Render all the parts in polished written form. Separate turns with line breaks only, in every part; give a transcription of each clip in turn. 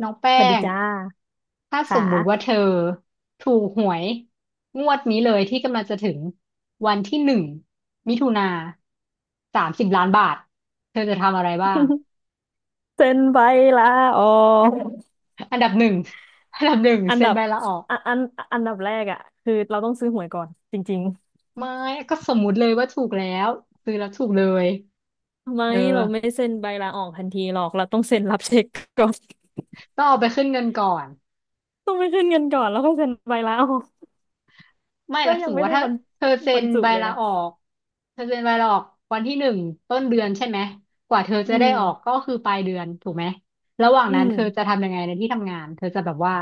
น้องแป้
สวัสดี
ง
จ้า
ถ้าส
ค่ะ
มมุติว่าเธอถูกหวยงวดนี้เลยที่กำลังจะถึงวันที่หนึ่งมิถุนา30 ล้านบาทเธอจะทำอะไรบ้าง
เซ็นใบลาออก
อันดับหนึ่งอันดับหนึ่ง
อัน
เซ็
ดั
น
บ
ใบลาออก
อันอันอันดับแรกอ่ะคือเราต้องซื้อหวยก่อนจริง
ไม่ก็สมมุติเลยว่าถูกแล้วซื้อแล้วถูกเลย
ๆไม่
เออ
เราไม่เซ็นใบลาออกทันทีหรอกเราต้องเซ็นรับเช็คก่อน
ต้องเอาไปขึ้นเงินก่อน
ต้องไปขึ้นเงินก่อนแล้วค่อยเซ็นใบลาออก
ไม่
แล้
แล้
ว
วส
ยั
ม
ง
ม
ไม่
ติว่า
ได้
ถ้าเธอเซ็
บร
น
รจุ
ใบ
เลย
ลา
นะ
ออกเธอเซ็นใบลาออกวันที่หนึ่งต้นเดือนใช่ไหมกว่าเธอ
อื
จะได้
ม
ออกก็คือปลายเดือนถูกไหมระหว่าง
อื
นั้น
ม
เธอจะทำยังไงในที่ทำงานเธอจะแบบว่า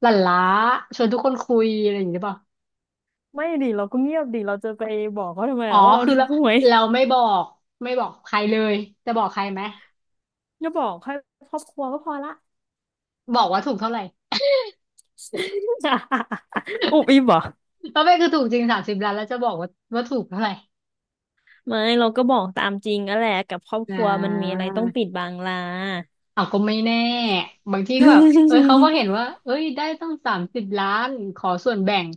หลั่นล้าชวนทุกคนคุยอะไรอย่างนี้หรือเปล่า
ไม่ดิเราก็เงียบดิเราจะไปบอกเขาทำไม
อ๋อ
อะว่าเรา
คือ
ถู
เรา
กหวย
เราไม่บอกใครเลยจะบอกใครไหม
จะบอกให้ครอบครัวก็พอละ
บอกว่าถูกเท่าไหร่
อุบอิบเหรอ
แล้วไม่คือถูกจริงสามสิบล้านแล้วจะบอกว่าถูกเท่าไหร่
ไม่เราก็บอกตามจริงนั่นแหละกับครอบ
อ่
ครัวมันมีอะไรต้องปิ
า
ดบังล่ะ
เอาก็ไม่แน่บางทีก็แบบเอ้ย เขาก็เห็นว่าเอ้ย ได้ต้อง30 ล้าน ขอส่วนแบ่ง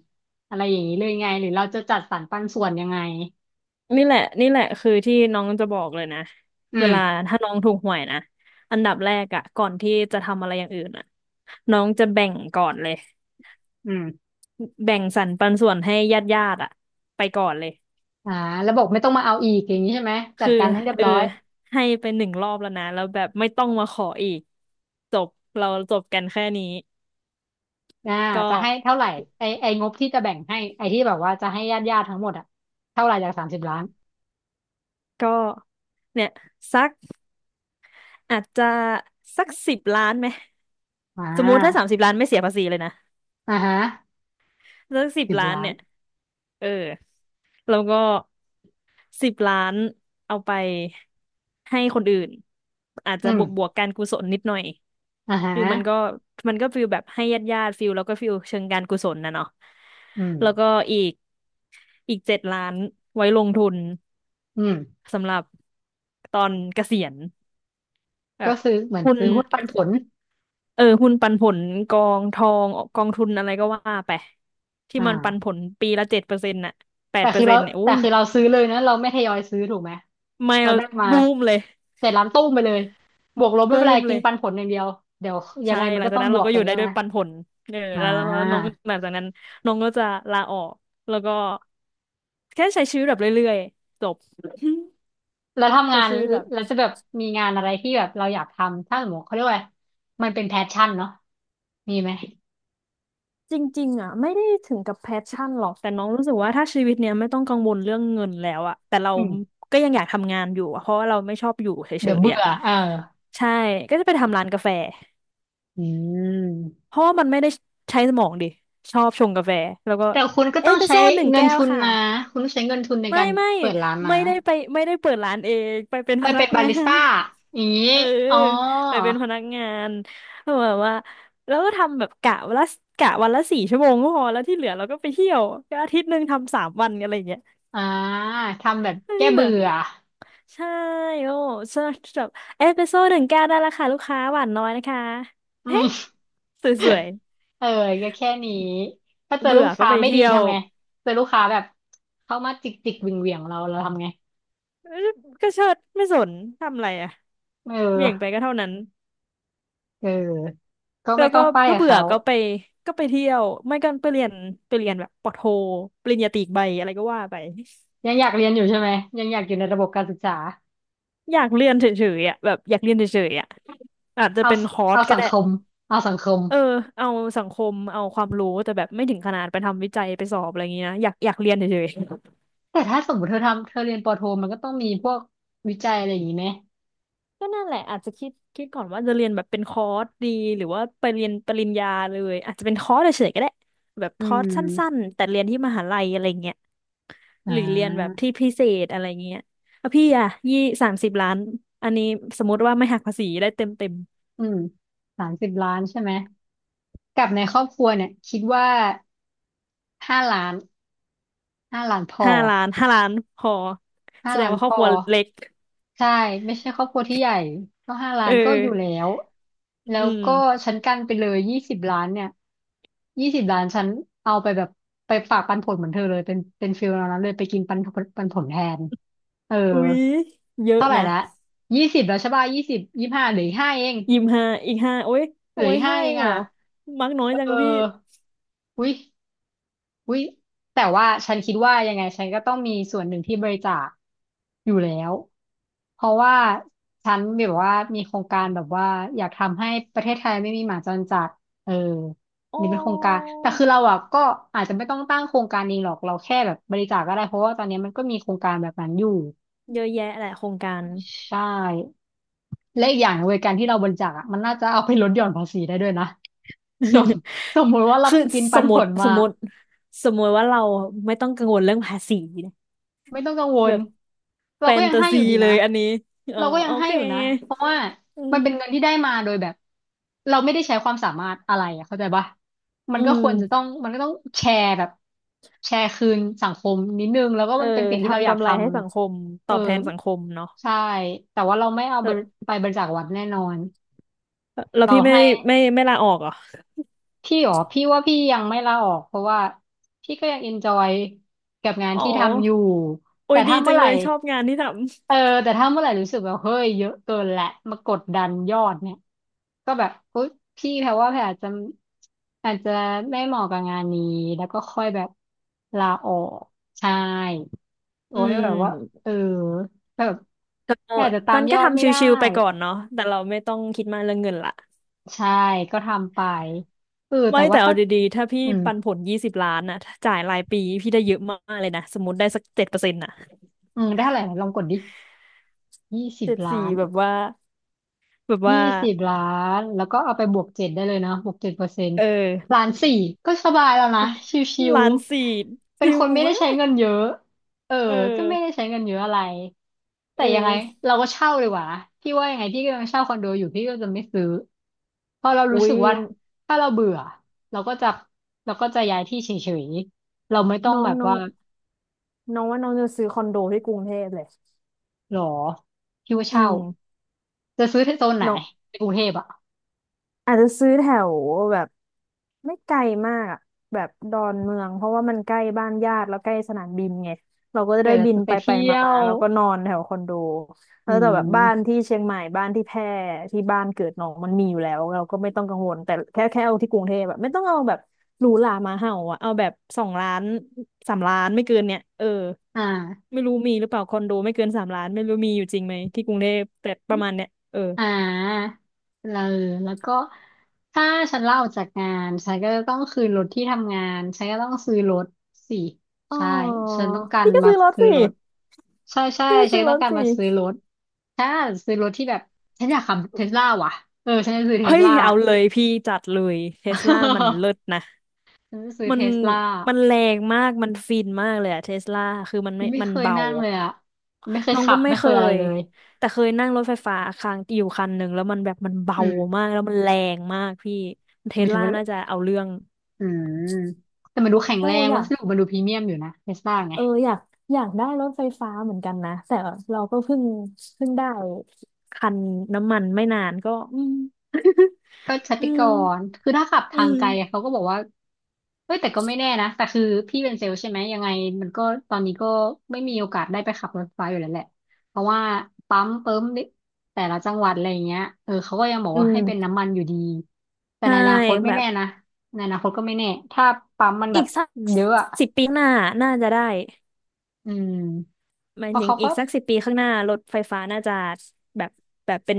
อะไรอย่างนี้เลยไง หรือเราจะจัดสรรปันส่วนยังไง
นี่แหละนี่แหละคือที่น้องจะบอกเลยนะ
อื
เว
ม
ลาถ้าน้องถูกหวยนะอันดับแรกอะก่อนที่จะทำอะไรอย่างอื่นอะน้องจะแบ่งก่อนเลย
อืม
แบ่งสรรปันส่วนให้ญาติญาติอะไปก่อนเลย
อ่าแล้วบอกไม่ต้องมาเอาอีกอย่างนี้ใช่ไหม จัด
คือ
การให้เรียบ
เออ
ร้อย
ให้ไปหนึ่งรอบแล้วนะแล้วแบบไม่ต้องมาขออีกจบเราจบกันแค่นี้
อ่า
ก็
จะให้เท่าไหร่ ไองบที่จะแบ่งให้ ไอที่แบบว่าจะให้ญาติญาติทั้งหมดอะเท่าไหร่จากสามสิบล้าน
ก็เนี่ยสัก อาจจะสัก10 ล้านไหม
อ่
สมมุติถ้าสา
า
มสิบล้านไม่เสียภาษีเลยนะ
อ่าฮะ
สักสิบ
สิบ
ล้าน
ล้าน
เนี่ยเออแล้วก็สิบล้านเอาไปให้คนอื่นอาจ
อื
จะบ
ม
วกบวกการกุศลนิดหน่อย
อ่าฮะ
คือมันก็ฟิลแบบให้ญาติญาติฟิลแล้วก็ฟิลเชิงการกุศลนะเนาะ
อืม
แล้วก็อีกอีก7 ล้านไว้ลงทุน
อืม
สำหรับตอนเกษียณแบ
ก็
บ
ซื้อเหมือน
คุณ
ซื้อหุ้นปันผล
เออหุ้นปันผลกองทองกองทุนอะไรก็ว่าไปที่มันปันผ
อ่า
ลปีละเจ็ดเปอร์เซ็นต์น่ะแป
แต่
ดเปอ
คือ
ร์เซ็
เรา
นต์เนี่ยอู้
แต่คือเราซื้อเลยนะเราไม่ทยอยซื้อถูกไหม
ไม่
เรา
เรา
ได้มา
บูมเลย
เสร็จร้านตู้มไปเลยบวกลบไม่
บู
เป็นไร
มเล
กิน
ย
ปันผลอย่างเดียวเดี๋ยวยั
ใช่
งไงมั
ห
น
ลัง
ก็
จาก
ต้อง
นั้น
บ
เรา
วก
ก็อ
กัน
ยู่ได้
ใช่
ด้
ไหม
วยปันผลเออ
อ่
แล้วน้อง
า
หลังจากนั้นน้องก็จะลาออกแล้วก็แค่ใช้ชีวิตแบบเรื่อยๆจบ
แล้ว ทำ
ใช้
งาน
ชีวิตแบบ
แล้วจะแบบมีงานอะไรที่แบบเราอยากทำถ้าสมมติเขาเรียกว่าอะไรมันเป็นแพชชั่นเนาะมีไหม
จริงๆอ่ะไม่ได้ถึงกับแพชชั่นหรอกแต่น้องรู้สึกว่าถ้าชีวิตเนี้ยไม่ต้องกังวลเรื่องเงินแล้วอ่ะแต่เรา
อืม
ก็ยังอยากทำงานอยู่อะเพราะว่าเราไม่ชอบอยู่เฉ
เดี๋ยว
ย
เบื่
ๆอ่ะ
อเออ
ใช่ก็จะไปทำร้านกาแฟ
อืม
เพราะว่ามันไม่ได้ใช้สมองดิชอบชงกาแฟแล้วก็
แต่คุณก็
เอ
ต้อ
ส
ง
เปรส
ใช้
โซ่หนึ่ง
เงิน
แก้ว
ทุน
ค่ะ
นะคุณต้องใช้เงินทุนใน
ไม่
การ
ไม่
เปิดร้านนะ
ไม่ได้ไปไม่ได้เปิดร้านเองไปเป็น
ไป
พนั
เป็
ก
นบา
งา
ริส
น
ต้าอย่าง นี้
เออ
อ๋อ
ไปเป็นพนักงานแบบว่าแล้วก็ทำแบบกะวันละ4 ชั่วโมงก็พอแล้วที่เหลือเราก็ไปเที่ยวก็อาทิตย์หนึ่งทำ3 วันอะไรอย่างเงี้ย
อ่าทำแบบ
แล้ว
แก้
ที่เหลื
เบื่
อ
อ
ใช่โอ้สำหรับเอสเปรสโซ่หนึ่งแก้วได้ราคาลูกค้าหวานน้อยนะคะ
อื
เฮ้
ม
สวย
เออก็แค่นี้ถ้า
ๆ
เจอ
เบื่
ลู
อ
ก
ก็
ค้า
ไป
ไม่ดี
เที่ยว
ทำไงเจอลูกค้าแบบเข้ามาจิกจิกเหวี่ยงเหวี่ยงเราทำไง
ก็เชิดไม่สนทำอะไรอ่ะ
เอ
เหวี่ยงไป
อ
ก็เท่านั้น
เออก็
แล้
ไม่
ว
ต้อ
ก็
งป้าย
ถ้า
กับ
เบื่อ
เขา
ก็ไปไปเที่ยวไม่ก็ไปเรียนไปเรียนแบบปอโทปริญญาตรีอีกใบอะไรก็ว่าไป
ยังอยากเรียนอยู่ใช่ไหมยังอยากอยู่ในระบบการศึกษา
อยากเรียนเฉยๆอ่ะแบบอยากเรียนเฉยๆอ่ะอาจจะ
เอา
เป็นคอร์ส
เอา
ก็
สัง
ได้
คมเอาสังคม
เออเอาสังคมเอาความรู้แต่แบบไม่ถึงขนาดไปทำวิจัยไปสอบอะไรอย่างเงี้ยนะอยากเรียนเฉยๆ
แต่ถ้าสมมติเธอทำเธอเรียนปอโทมันก็ต้องมีพวกวิจัยอะไรอย่างนี้ไหม
ก็นั่นแหละอาจจะคิดก่อนว่าจะเรียนแบบเป็นคอร์สดีหรือว่าไปเรียนปริญญาเลยอาจจะเป็นคอร์สเฉยๆก็ได้แบบ
อื
คอร์สสั้น
ม
ๆแต่เรียนที่มหาลัยอะไรเงี้ย
อ่
หรือเรียนแบบ
า
ที่พิเศษอะไรเงี้ยแล้วพี่อะสามสิบล้าน อันนี้สมมติว่าไม่หักภาษีได้เต็ม
อืมสามสิบล้านใช่ไหมกับในครอบครัวเนี่ยคิดว่า ห้าล้านห้าล้านพอ
ห้าล้านพอ
ห้า
แสด
ล้า
ง
น
ว่า
พ
ครอบ
อ
ครัวเล็ก
ใช่ไม่ใช่ครอบครัวที่ใหญ่ก็ห้าล้า
เออ
นก็อยู่แล้วแล้
อื
วก็
ม
ฉันกันไปเลยยี่สิบล้านเนี่ยยี่สิบล้านฉันเอาไปแบบไปฝากปันผลเหมือนเธอเลยเป็นฟิลนั้นเลยไปกินปันผลแทนเออ
อุ๊ยเยอะ
เท่าไหร่
นะ
ละยี่สิบแล้วใช่ป่ะยี่สิบยี่ห้าเหลืออีกห้าเอง
ยิมห้าอีกห้าโอ้ย
เหลื
โอ้
อ
ย
อีกห้า
ห้า
เอ
เอ
ง
งเหร
อ่ะ
อมักน้อย
เอ
จังกับพี่
ออุย อุ๊ยแต่ว่าฉันคิดว่ายังไงฉันก็ต้องมีส่วนหนึ่งที่บริจาคอยู่แล้วเพราะว่าฉันแบบว่ามีโครงการแบบว่าอยากทำให้ประเทศไทยไม่มีหมาจรจัดเอออั
อ๋
นนี้เป็นโครงการ
อ
แต่คือเราอ่ะก็อาจจะไม่ต้องตั้งโครงการเองหรอกเราแค่แบบบริจาคก็ได้เพราะว่าตอนนี้มันก็มีโครงการแบบนั้นอยู่
เยอะแยะแหละโครงการ
ใช่และอีกอย่างเวยการที่เราบริจาคอะมันน่าจะเอาไปลดหย่อนภาษีได้ด้วยนะสม สมมติว่าเรา
คือ
กิน
ส
ปัน
มม
ผ
ติ
ล
ส
มา
มมติสมมติว่าเราไม่ต้องกังวลเรื่องภาษีนะ
ไม่ต้องกังว
แบ
ล
บ
เรา
แฟ
ก็
น
ยัง
ตา
ให้อ
ซี
ยู่ดี
เล
นะ
ยอันนี้เออ
เราก็ยั
โอ
งให้
เค
อยู่นะเพราะว่า
อื
มันเป็นเงิน
ม
ที่ได้มาโดยแบบเราไม่ได้ใช้ความสามารถอะไรอะเข้าใจปะมั
อื
นก็ควรจะต้
ม
องแชร์แบบแชร์คืนสังคมนิดนึงแล้วก็
เออ
มันเป็นสิ่งที่เรา
ทำ
อยาก
กำ
ท
ไรให้สังคม
ำ
ต
เอ
อ
อ
บแทนสังคมเนาะ
ใช่แต่ว่าเราไม่เอา
เอ
ไป
อ
ไปบริจาควัดแน่นอน
แล้ว
เรา
พี่
ให้
ไม่ลาออกเหรอ
พี่หรอพี่ว่าพี่ยังไม่ลาออกเพราะว่าพี่ก็ยังเอนจอยกับงาน
อ๋อ
ที่ทำอยู่
โอ้
แต่
ยดี
ถ้า
จั
เมื่อ
ง
ไห
เล
ร่
ยชอบงานที่ท
เออแต่ถ้าเมื่อไหร่รู้สึกแบบเฮ้ยเยอะเกินแหละมากดดันยอดเนี่ยก็แบบอุ๊ยพี่แพรว่าแพรอาจจะไม่เหมาะกับงานนี้แล้วก็ค่อยแบบลาออกใช่
ำ
โอ้
อื
ยแบ
ม
บว่าเออแบบ
ก็
แพรอาจจะตา
ตั
ม
น
ย
ก็
อด
ทำ
ไม่
ช
ได้
ิวๆไปก่อนเนาะแต่เราไม่ต้องคิดมากเรื่องเงินละ
ใช่ก็ทำไปเออแต่
ไม่แต่
ว่า
เอา
ถ้า
ดีๆถ้าพี่
อืม
ปันผล20 ล้านน่ะถ้าจ่ายรายปีพี่ได้เยอะมากเลยนะสมมติได้สักเจ็ดเปอร์เซ็นต์น่ะ
อืมได้เท่าไหร่นะลองกดดิยี่สิบ
เจ็ดสี่
ล้าน
แบบว่าแบบ
ยี่
ว่า
สิบล้านแล้วก็เอาไปบวกเจ็ดได้เลยเนาะบวก7%
เออ
ล้านสี่ก็สบายแล้วนะชิว
ล้านสี่
ๆเป็น
ชิ
ค
ว
นไม่ได้
มา
ใช้
ก
เงินเยอะเออ
เออ
ก็ไม่ได้ใช้เงินเยอะอะไรแต่
เอ
ยังไง
อ
เราก็เช่าดีกว่านะพี่ว่ายังไงพี่ก็ยังเช่าคอนโดอยู่พี่ก็จะไม่ซื้อเพราะเรารู้
อุ้
สึ
ย
กว่าถ้าเราเบื่อเราก็จะย้ายที่เฉยๆเราไม่ต้อง
น้อ
แบ
ง
บ
น้อง
ว่า
น้องว่าน้องจะซื้อคอนโดที่กรุงเทพเลย
หรอพี่ว่า
อื
เช่า
ม
จะซื้อที่โซนไหน
น้อง
ในกรุงเทพอ่ะ
อาจจะซื้อแถวแบบไม่ไกลมากอะแบบดอนเมืองเพราะว่ามันใกล้บ้านญาติแล้วใกล้สนามบินไงเราก็จะ
เกิ
ได้
ด
บิน
จะไป
ไปไป
เที่ย
มามา
ว
แล้วก็นอนแถวคอนโด
อื
แล้วแต่แบบบ้าน
ม
ที่เชียงใหม่บ้านที่แพร่ที่บ้านเกิดน้องมันมีอยู่แล้วเราก็ไม่ต้องกังวลแต่แค่เอาที่กรุงเทพแบบไม่ต้องเอาแบบหรูหรามาเห่าอะเอาแบบ2 ล้านสามล้านไม่เกินเนี่ยเออ
อ่า
ไม่รู้มีหรือเปล่าคอนโดไม่เกินสามล้านไม่รู้มีอยู่จริงไหมที่กรุงเทพแต่ประมาณเนี้ยเออ
อ่าเราแล้วก็ถ้าฉันลาออกจากงานฉันก็จะต้องคืนรถที่ทำงานฉันก็ต้องซื้อรถสิ
อ๋อ
ใช่ฉันต้องการ
พี่ก็
มา
ซื้อรถ
ซื้อ
สิ
รถใช่ใช่
พี่
ฉัน
ซื้อ
ก็
ร
ต้อง
ถ
การ
สิ
มาซื้อรถถ้าซื้อรถที่แบบฉันอยากขับเทสลาว่ะเออฉันจะซื้อเท
เฮ้
ส
ย
ลา
เอาเลยพี่จัดเลยเทสลามันเลิศนะ
ฉันจะซื้อ
มั
เท
น
สลา
มันแรงมากมันฟินมากเลยอะเทสลาคือ
ยังไม่
มัน
เคย
เบา
นั่งเลยอะไม่เคย
น้อง
ขั
ก็
บ
ไม่
ไม่
เค
เคยอะไร
ย
เลย
แต่เคยนั่งรถไฟฟ้าครั้งอยู่คันหนึ่งแล้วมันแบบมันเบา
อืม
มากแล้วมันแรงมากพี่เท
หมา
ส
ยถึง
ลา
ว่า
น่าจะเอาเรื่อง
อืมแต่มันดูแข็ง
โอ้
แรง
อยา
วัส
ก
ดุมันดูพรีเมียมอยู่นะเทสลาไง
เอออยากได้รถไฟฟ้าเหมือนกันนะแต่เราก็เพิ่งได้คันน้ำมันไม่นานก็อืม
ก็ช
อื
ติก
ม
รคือถ้าขับ
อื
ทาง
ม
ไกลอะเขาก็บอกว่าเฮ้ยแต่ก็ไม่แน่นะแต่คือพี่เป็นเซลล์ใช่ไหม ยังไงมันก็ตอนนี้ก็ไม่มีโอกาสได้ไปขับรถไฟอยู่แล้วแหละ เพราะว่าปั๊มเปิมนิแต่ละจังหวัดอะไรอย่างเงี้ยเออเขาก็ยังบอก
อื
ว่าให้เป็น
ม
น้ำมันอยู่ดี แต่
ใช่
ในอนาคตไม่
แบบ
แน่นะในอนาคตก็ไม่แน่ ถ้าปั๊มมันแบ
อี
บ
กสัก
เยอะอะ
สิบปีข้างหน้าน่าจะได้
อืม
หมา
เพ
ย
ราะ
ถึง
เขา
อี
ก็
กสักสิบปีข้างหน้ารถไฟฟ้าน่าจะแบบแบบเป็น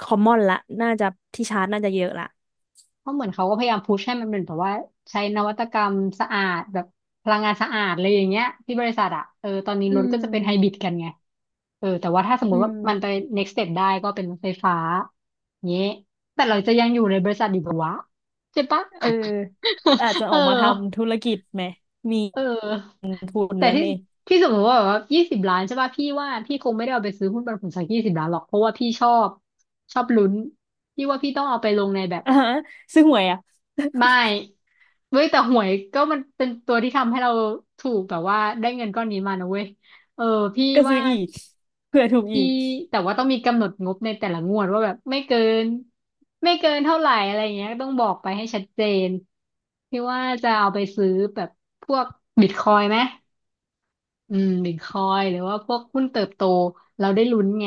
คอมมอนละน่าจะที่ชาร์จน่าจะเยอะละ
เพราะเหมือนเขาก็พยายามพุชให้มันเป็นแบบว่าใช้นวัตกรรมสะอาดแบบพลังงานสะอาดอะไรอย่างเงี้ยที่บริษัทอะเออตอนนี้
อื
รถก็
ม
จะเป็นไฮบริดกันไงเออแต่ว่าถ้าสมม
อื
ติว่า
ม
มันไป next step ได้ก็เป็นรถไฟฟ้าเงี้ยแต่เราจะยังอยู่ในบริษัทอยู่ปะวะใช่ปะ
เอออาจจะ
เอ
อ
อ
อกมาทำธุรกิจไหมมี
เออ
ทุน
แต่
แล้ว
ที่
เนี่ย
ที่สมมติว่าแบบว่ายี่สิบล้านใช่ป่ะพี่ว่าพี่คงไม่ได้เอาไปซื้อหุ้นปันผลสักยี่สิบล้านหรอกเพราะว่าพี่ชอบชอบลุ้นพี่ว่าพี่ต้องเอาไปลงในแบบ
อ่าฮะซื้อหวยอ่ะ
ไม่เว้ยแต่หวยก็มันเป็นตัวที่ทำให้เราถูกแบบว่าได้เงินก้อนนี้มานะเว้ยเออพี่
ก็ซื้
ว่า
ออีกเผื่อถูก
พี่
อีก
แต่ว่าต้องมีกำหนดงบในแต่ละงวดว่าแบบไม่เกินเท่าไหร่อะไรอย่างเงี้ยต้องบอกไปให้ชัดเจนพี่ว่าจะเอาไปซื้อแบบพวกบิตคอยน์ไหม อืมบิตคอยหรือว่าพวกหุ้นเติบโตเราได้ลุ้นไง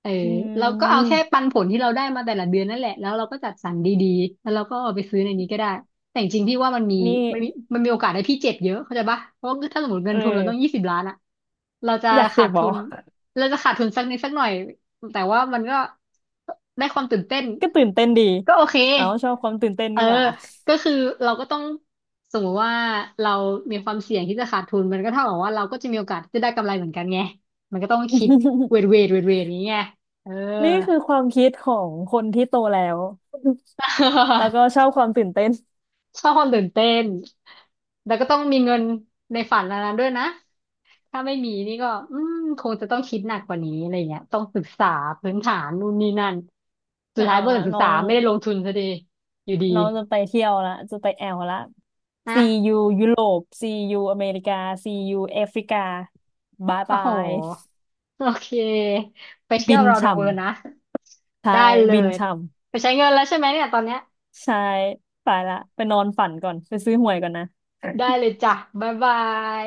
เออ
อื
เราก็เอาแค่ปั
ม
นผลที่เราได้มาแต่ละเดือนนั่นแหละแล้วเราก็จัดสรรดีๆแล้วเราก็เอาไปซื้อในนี้ก็ได้แต่จริงๆพี่ว่า
นี่
มันมีมันมีโอกาสให้พี่เจ็บเยอะเข้าใจปะเพราะว่าถ้าสมมติเงิ
เอ
นทุนเราต้อง
อ
ยี่สิบล้านอะเราจะ
อยากเส
ขาด
พบอ
ทุนเราจะขาดทุนสักนิดสักหน่อยแต่ว่ามันก็ได้ความตื่นเต้น
ก็ตื่นเต้นดี
ก็โอเค
เอ้าชอบความตื่นเต้น
เออ
นี่หว่า
ก็คือเราก็ต้องสมมติว่าเรามีความเสี่ยงที่จะขาดทุนมันก็เท่ากับว่าเราก็จะมีโอกาสที่จะได้กำไรเหมือนกันไงมันก็ต้องคิดเวทอย่างเงี้ยเออ
นี่คือความคิดของคนที่โตแล้ว แล้ว ก็ชอบความตื่นเต้น
ชอบความตื่นเต้นแล้วก็ต้องมีเงินในฝันอันนั้นด้วยนะถ้าไม่มีนี่ก็อืมคงจะต้องคิดหนักกว่านี้อะไรเงี้ยต้องศึกษาพื้นฐานนู่นนี่นั่นสุด
มา
ท้าย
เอา
บริ
ละ
ษัทศึก
น้อ
ษา
ง
ไม่ได้ลงทุนซะดีอยู่ดี
น้องจะไปเที่ยวละจะไปแอลละ
นะ
See you ยยุโรป See you อเมริกา See you แอฟริกาบาย
โอ้
บา
โห
ย
โอเค ไปเที่ย
บิ
ว
น
เราเด
ช่
อะเวิลด์นะ
ำใช่
ได้เล
บิน
ย
ช่
ไปใช้เงินแล้วใช่ไหมเนี่ยตอนเนี้ย
ำใช่ไปละไปนอนฝันก่อนไปซื้อหวยก่อนนะ
ได้เลยจ้ะบ๊ายบาย